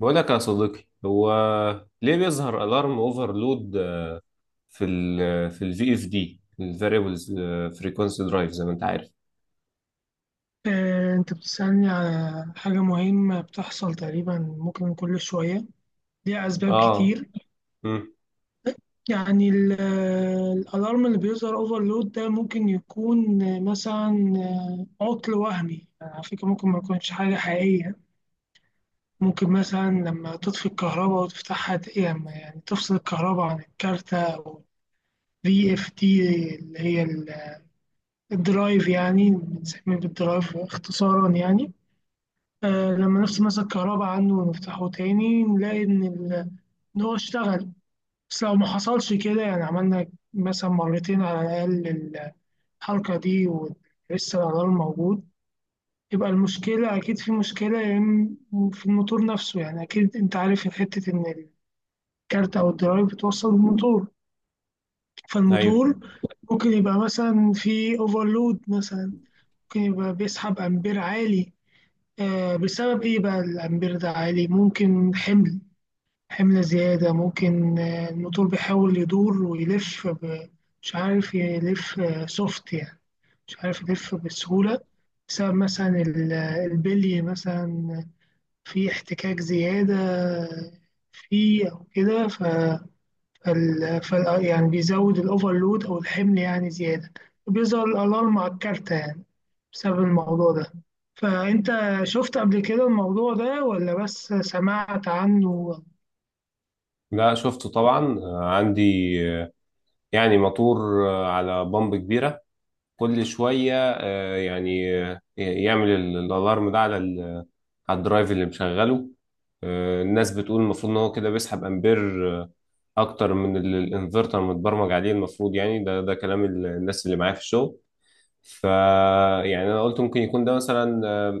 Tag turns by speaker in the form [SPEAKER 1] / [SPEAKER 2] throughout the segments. [SPEAKER 1] بقول لك يا صديقي، هو ليه بيظهر الارم اوفرلود في ال في الفي اف دي الفاريبلز فريكونسي درايف زي ما انت عارف؟
[SPEAKER 2] أنت بتسألني على حاجة مهمة بتحصل تقريبا ممكن كل شوية، ليها أسباب
[SPEAKER 1] اه.
[SPEAKER 2] كتير.
[SPEAKER 1] امم
[SPEAKER 2] يعني الألارم اللي بيظهر أوفرلود ده ممكن يكون مثلا عطل وهمي، يعني على فكرة ممكن ما يكونش حاجة حقيقية. ممكن مثلا لما تطفي الكهرباء وتفتحها يعني تفصل الكهرباء عن الكارتة أو في اف تي، اللي هي الدرايف، يعني بنسميه بالدرايف اختصارا يعني. آه لما نفس مثلا الكهرباء عنه ونفتحه تاني نلاقي إن هو اشتغل. بس لو ما حصلش كده، يعني عملنا مثلا مرتين على الأقل الحركة دي ولسه الألارم موجود، يبقى المشكلة أكيد، في مشكلة يا إما في الموتور نفسه. يعني أكيد أنت عارف حتة إن الكارت أو الدرايف بتوصل الموتور،
[SPEAKER 1] ايوه،
[SPEAKER 2] فالموتور ممكن يبقى مثلا في اوفرلود مثلا، ممكن يبقى بيسحب أمبير عالي. آه بسبب إيه بقى الأمبير ده عالي؟ ممكن حمل زيادة، ممكن الموتور بيحاول يدور ويلف مش عارف يلف سوفت يعني، مش عارف يلف بسهولة، بسبب مثلا البلي مثلا، في احتكاك زيادة فيه أو كده. يعني بيزود الأوفرلود أو الحمل يعني زيادة، بيظهر الألارم على الكارتة يعني بسبب الموضوع ده. فأنت شفت قبل كده الموضوع ده ولا بس سمعت عنه
[SPEAKER 1] لا شفته طبعا. عندي، آه، يعني موتور على بامب كبيره، كل شويه يعني يعمل الالارم ده على على الدرايف اللي مشغله. الناس بتقول المفروض ان هو كده بيسحب امبير آه، اكتر من اللي الانفرتر متبرمج عليه المفروض، يعني ده كلام الناس اللي معايا في الشغل. ف يعني انا قلت ممكن يكون ده مثلا آه،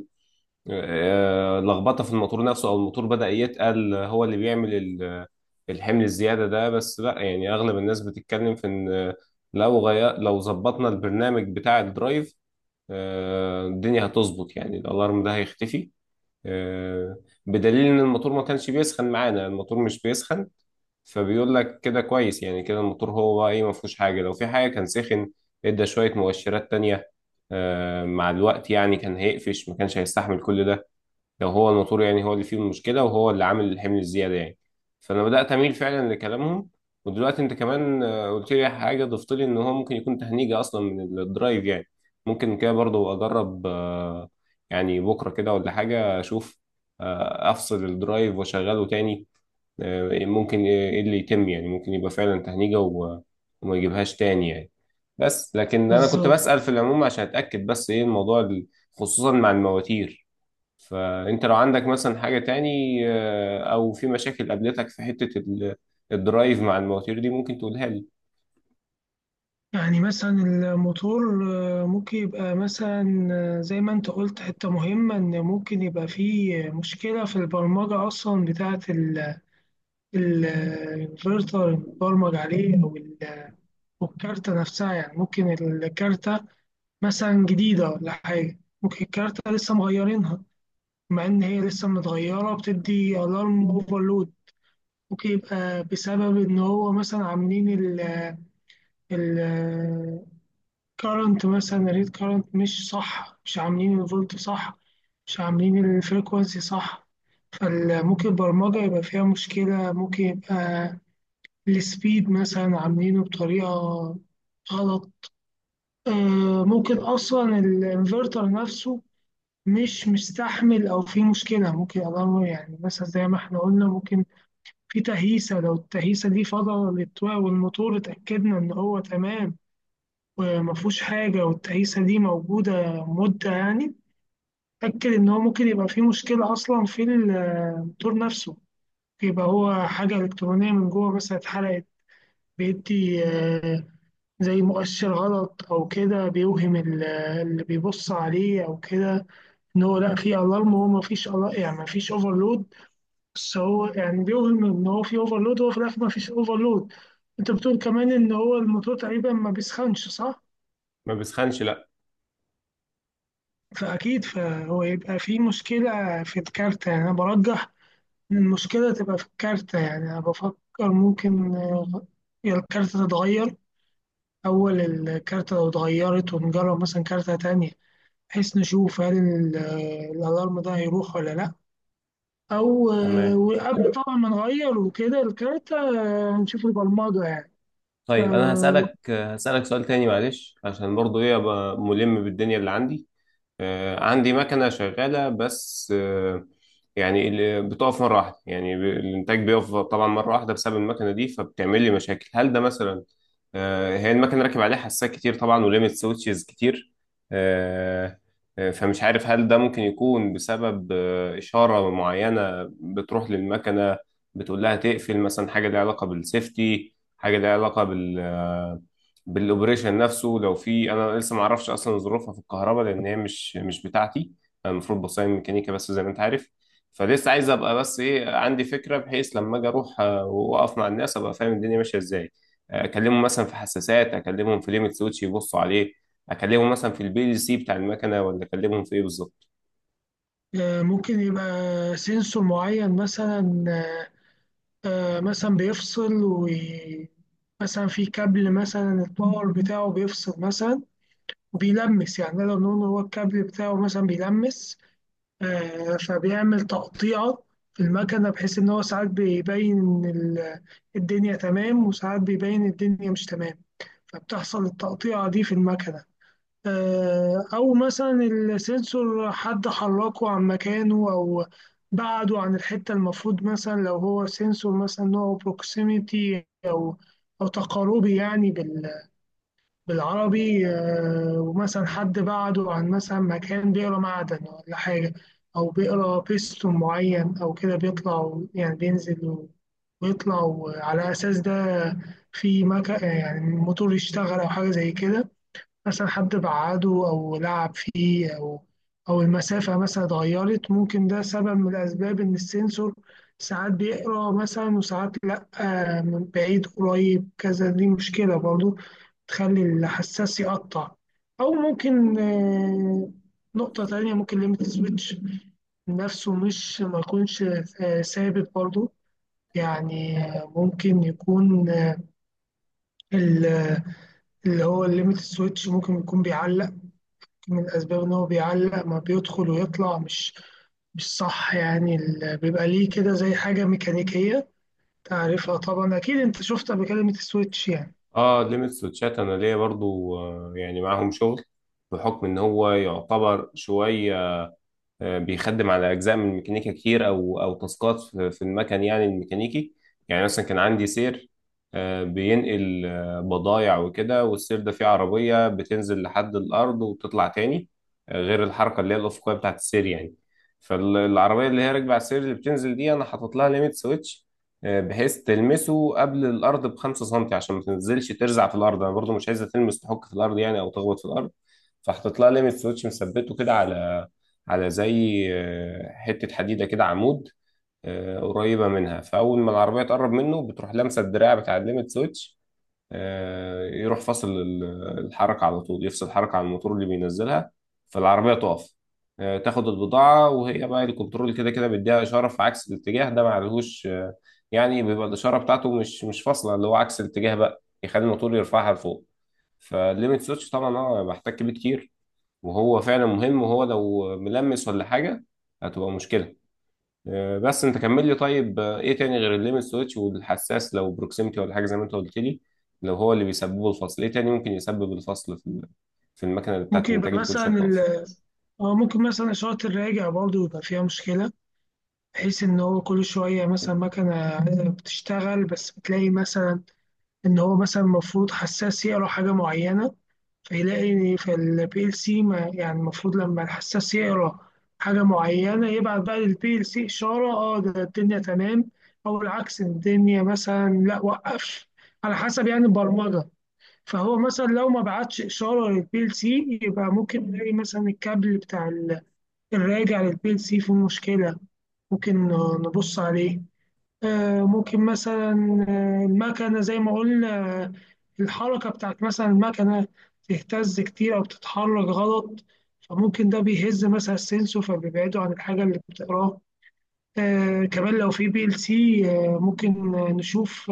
[SPEAKER 1] آه، لخبطه في الموتور نفسه، او الموتور بدأ يتقل، هو اللي بيعمل الحمل الزياده ده، بس لا يعني اغلب الناس بتتكلم في ان لو غير لو ظبطنا البرنامج بتاع الدرايف، الدنيا هتظبط يعني الالارم ده هيختفي، آه، بدليل ان الموتور ما كانش بيسخن معانا، الموتور مش بيسخن. فبيقول لك كده كويس، يعني كده الموتور هو ايه، ما فيهوش حاجه، لو في حاجه كان سخن، ادى شويه مؤشرات تانية مع الوقت، يعني كان هيقفش، ما كانش هيستحمل كل ده لو هو الموتور يعني هو اللي فيه المشكله وهو اللي عامل الحمل الزياده يعني. فانا بدات اميل فعلا لكلامهم. ودلوقتي انت كمان قلت لي حاجه، ضفت لي ان هو ممكن يكون تهنيجه اصلا من الدرايف يعني. ممكن كده برضو اجرب، يعني بكره كده ولا حاجه اشوف، افصل الدرايف واشغله تاني، ممكن ايه اللي يتم، يعني ممكن يبقى فعلا تهنيجة وما يجيبهاش تاني يعني. بس لكن انا كنت
[SPEAKER 2] بالظبط؟
[SPEAKER 1] بسأل في العموم عشان اتأكد، بس ايه الموضوع خصوصا مع المواتير. فانت لو عندك مثلا حاجة تاني، او في مشاكل قابلتك في حتة الدرايف مع المواتير دي ممكن تقولها لي.
[SPEAKER 2] يعني مثلا الموتور ممكن يبقى مثلا، زي ما انت قلت حتة مهمة، ان ممكن يبقى فيه مشكلة في البرمجة اصلا بتاعة الانفرتر المتبرمج عليه، أو الكارتة نفسها. يعني ممكن الكارتة مثلا جديدة ولا حاجة، ممكن الكارتة لسه مغيرينها، مع ان هي لسه متغيرة بتدي الارم اوفرلود. ممكن يبقى بسبب ان هو مثلا عاملين ال كارنت مثلا، الريد كارنت مش صح، مش عاملين الفولت صح، مش عاملين الفريكوانسي صح. فممكن البرمجة يبقى فيها مشكلة، ممكن يبقى السبيد مثلا عاملينه بطريقة غلط. ممكن أصلا الانفرتر نفسه مش مستحمل أو في مشكلة، ممكن أضرر يعني. مثلا زي ما احنا قلنا ممكن في تهيسة، لو التهيسة دي فضل والموتور اتأكدنا إن هو تمام وما فيهوش حاجة، والتعيسة دي موجودة مدة يعني، أتأكد إن هو ممكن يبقى فيه مشكلة أصلا في الموتور نفسه. يبقى هو حاجة إلكترونية من جوه مثلا اتحرقت، بيدي زي مؤشر غلط أو كده، بيوهم اللي بيبص عليه أو كده إن هو لأ فيه ألارم. هو مفيش ألارم، يعني مفيش أوفرلود، بس هو يعني بيوهم إن هو فيه أوفرلود، هو في الآخر مفيش أوفرلود. أنت بتقول كمان إن هو الموتور تقريبا ما بيسخنش، صح؟
[SPEAKER 1] ما بسخنش، لا.
[SPEAKER 2] فأكيد فهو يبقى في مشكلة في الكارتة. يعني أنا برجح إن المشكلة تبقى في الكارتة، يعني أنا بفكر ممكن يا الكارتة تتغير، أول الكارتة لو اتغيرت ونجرب مثلا كارتة تانية، بحيث نشوف هل الألارم ده هيروح ولا لأ. أو
[SPEAKER 1] تمام.
[SPEAKER 2] وقبل طبعا ما نغير وكده الكارتة، نشوف البرمجة يعني. ف-
[SPEAKER 1] طيب انا هسألك سؤال تاني، معلش، عشان برضو ايه ابقى ملم بالدنيا اللي عندي. عندي مكنة شغالة بس، يعني اللي بتقف مرة واحدة، يعني الإنتاج بيقف طبعا مرة واحدة بسبب المكنة دي، فبتعمل لي مشاكل. هل ده مثلا، هي المكنة راكب عليها حساسات كتير طبعا، وليميت سويتشز كتير، آه، فمش عارف هل ده ممكن يكون بسبب إشارة معينة بتروح للمكنة بتقول لها تقفل مثلا؟ حاجة ليها علاقة بالسيفتي، حاجة ليها علاقة بال بالاوبريشن نفسه لو في. انا لسه ما اعرفش اصلا ظروفها في الكهرباء لان هي مش بتاعتي، انا المفروض بصمم ميكانيكا بس زي ما انت عارف. فلسه عايز ابقى بس ايه عندي فكرة بحيث لما اجي اروح واقف مع الناس ابقى فاهم الدنيا ماشية ازاي. اكلمهم مثلا في حساسات، اكلمهم في ليميت سويتش يبصوا عليه، اكلمهم مثلا في البي ال سي بتاع المكنه، ولا اكلمهم في ايه بالظبط؟
[SPEAKER 2] ممكن يبقى سنسور معين مثلا، مثلا بيفصل، ومثلا في كابل مثلا الباور بتاعه بيفصل مثلا وبيلمس، يعني نقدر نقول هو الكابل بتاعه مثلا بيلمس، فبيعمل تقطيعة في المكنة، بحيث إن هو ساعات بيبين الدنيا تمام، وساعات بيبين الدنيا مش تمام، فبتحصل التقطيعة دي في المكنة. أو مثلا السنسور حد حركه عن مكانه، أو بعده عن الحتة المفروض، مثلا لو هو سنسور مثلا نوعه بروكسيميتي أو أو تقاربي يعني بالعربي. ومثلا حد بعده عن مثلا مكان بيقرا معدن ولا حاجة، أو بيقرا بيستون معين أو كده بيطلع، يعني بينزل ويطلع، وعلى أساس ده في مكان يعني الموتور يشتغل أو حاجة زي كده. مثلا حد بعده أو لعب فيه، أو أو المسافة مثلا اتغيرت، ممكن ده سبب من الأسباب إن السنسور ساعات بيقرأ مثلا وساعات لأ. من بعيد قريب كذا، دي مشكلة برضو تخلي الحساس يقطع. أو ممكن نقطة تانية، ممكن ليميت سويتش نفسه مش ما يكونش ثابت برضو. يعني ممكن يكون ال- اللي هو الليميت سويتش ممكن يكون بيعلق، من الأسباب إن هو بيعلق، ما بيدخل ويطلع مش صح يعني. بيبقى ليه كده زي حاجة ميكانيكية تعرفها طبعا، أكيد أنت شفتها بكلمة السويتش يعني.
[SPEAKER 1] اه، ليميت سويتشات انا ليا برضو يعني معاهم شغل بحكم ان هو يعتبر شويه بيخدم على اجزاء من الميكانيكا كتير، او تاسكات في المكن يعني الميكانيكي. يعني مثلا كان عندي سير بينقل بضايع وكده، والسير ده فيه عربيه بتنزل لحد الارض وتطلع تاني غير الحركه اللي هي الافقيه بتاعت السير يعني. فالعربيه اللي هي راكبه على السير اللي بتنزل دي انا حاطط لها ليميت سويتش بحيث تلمسه قبل الارض بـ5 سنتي، عشان ما تنزلش ترزع في الارض، انا برضو مش عايزه تلمس تحك في الارض يعني او تخبط في الارض. فحطيت لها ليميت سويتش مثبته كده على، على زي حتة حديدة كده، عمود قريبة منها. فأول ما العربية تقرب منه بتروح لامسة الدراع بتاع الليمت سويتش، يروح فاصل الحركة على طول، يفصل الحركة على الموتور اللي بينزلها، فالعربية تقف تاخد البضاعة، وهي بقى الكنترول كده كده بيديها إشارة في عكس الاتجاه ده، معلهوش يعني بيبقى الإشارة بتاعته مش فاصلة اللي هو عكس الاتجاه بقى، يخلي الموتور يرفعها لفوق. فالليمت سويتش طبعا اه بحتك بيه كتير، وهو فعلا مهم، وهو لو ملمس ولا حاجة هتبقى مشكلة. بس انت كمل لي، طيب ايه تاني غير الليمت سويتش والحساس لو بروكسيمتي ولا حاجة زي ما انت قلت لي، لو هو اللي بيسببه الفصل؟ ايه تاني ممكن يسبب الفصل في في المكنة اللي بتاعت
[SPEAKER 2] ممكن
[SPEAKER 1] الانتاج
[SPEAKER 2] يبقى
[SPEAKER 1] اللي كل
[SPEAKER 2] مثلا
[SPEAKER 1] شوية بتقف؟
[SPEAKER 2] اه ممكن مثلا إشارة الراجع برضو يبقى فيها مشكلة، بحيث إن هو كل شوية مثلا مكنة عايزة بتشتغل، بس بتلاقي مثلا إن هو مثلا المفروض حساس يقرا حاجة معينة فيلاقي، فالبي ال سي ما يعني، المفروض لما الحساس يقرا حاجة معينة يبعت بقى للبي ال سي إشارة اه ده الدنيا تمام، أو العكس الدنيا مثلا لا وقفش، على حسب يعني البرمجة. فهو مثلا لو ما بعتش إشارة للبي ال سي، يبقى ممكن نلاقي مثلا الكابل بتاع الراجع للبي ال سي فيه مشكلة، ممكن نبص عليه. ممكن مثلا المكنة زي ما قلنا، آه، الحركة بتاعت مثلا المكنة تهتز كتير أو بتتحرك غلط، فممكن ده بيهز مثلا السنسور، فبيبعده عن الحاجة اللي بتقراها. كمان لو في PLC آه ممكن نشوف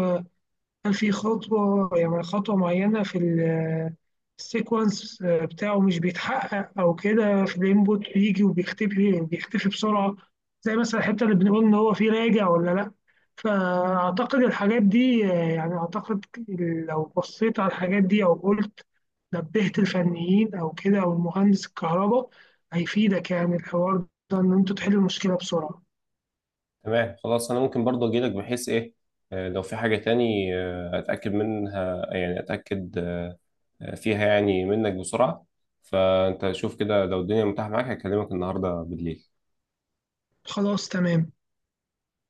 [SPEAKER 2] هل في خطوة، يعني خطوة معينة في السيكونس بتاعه مش بيتحقق أو كده، في الإنبوت بيجي وبيختفي، بسرعة، زي مثلا الحتة اللي بنقول إن هو فيه راجع ولا لأ. فأعتقد الحاجات دي، يعني أعتقد لو بصيت على الحاجات دي أو قلت نبهت الفنيين أو كده أو المهندس الكهرباء، هيفيدك يعني الحوار ده إن أنتوا تحلوا المشكلة بسرعة.
[SPEAKER 1] تمام، خلاص. انا ممكن برضه اجي لك بحيث ايه، لو في حاجة تاني اتأكد منها، يعني اتأكد فيها يعني منك بسرعة. فانت شوف كده لو الدنيا متاحة معاك، هكلمك النهاردة بالليل.
[SPEAKER 2] خلاص تمام.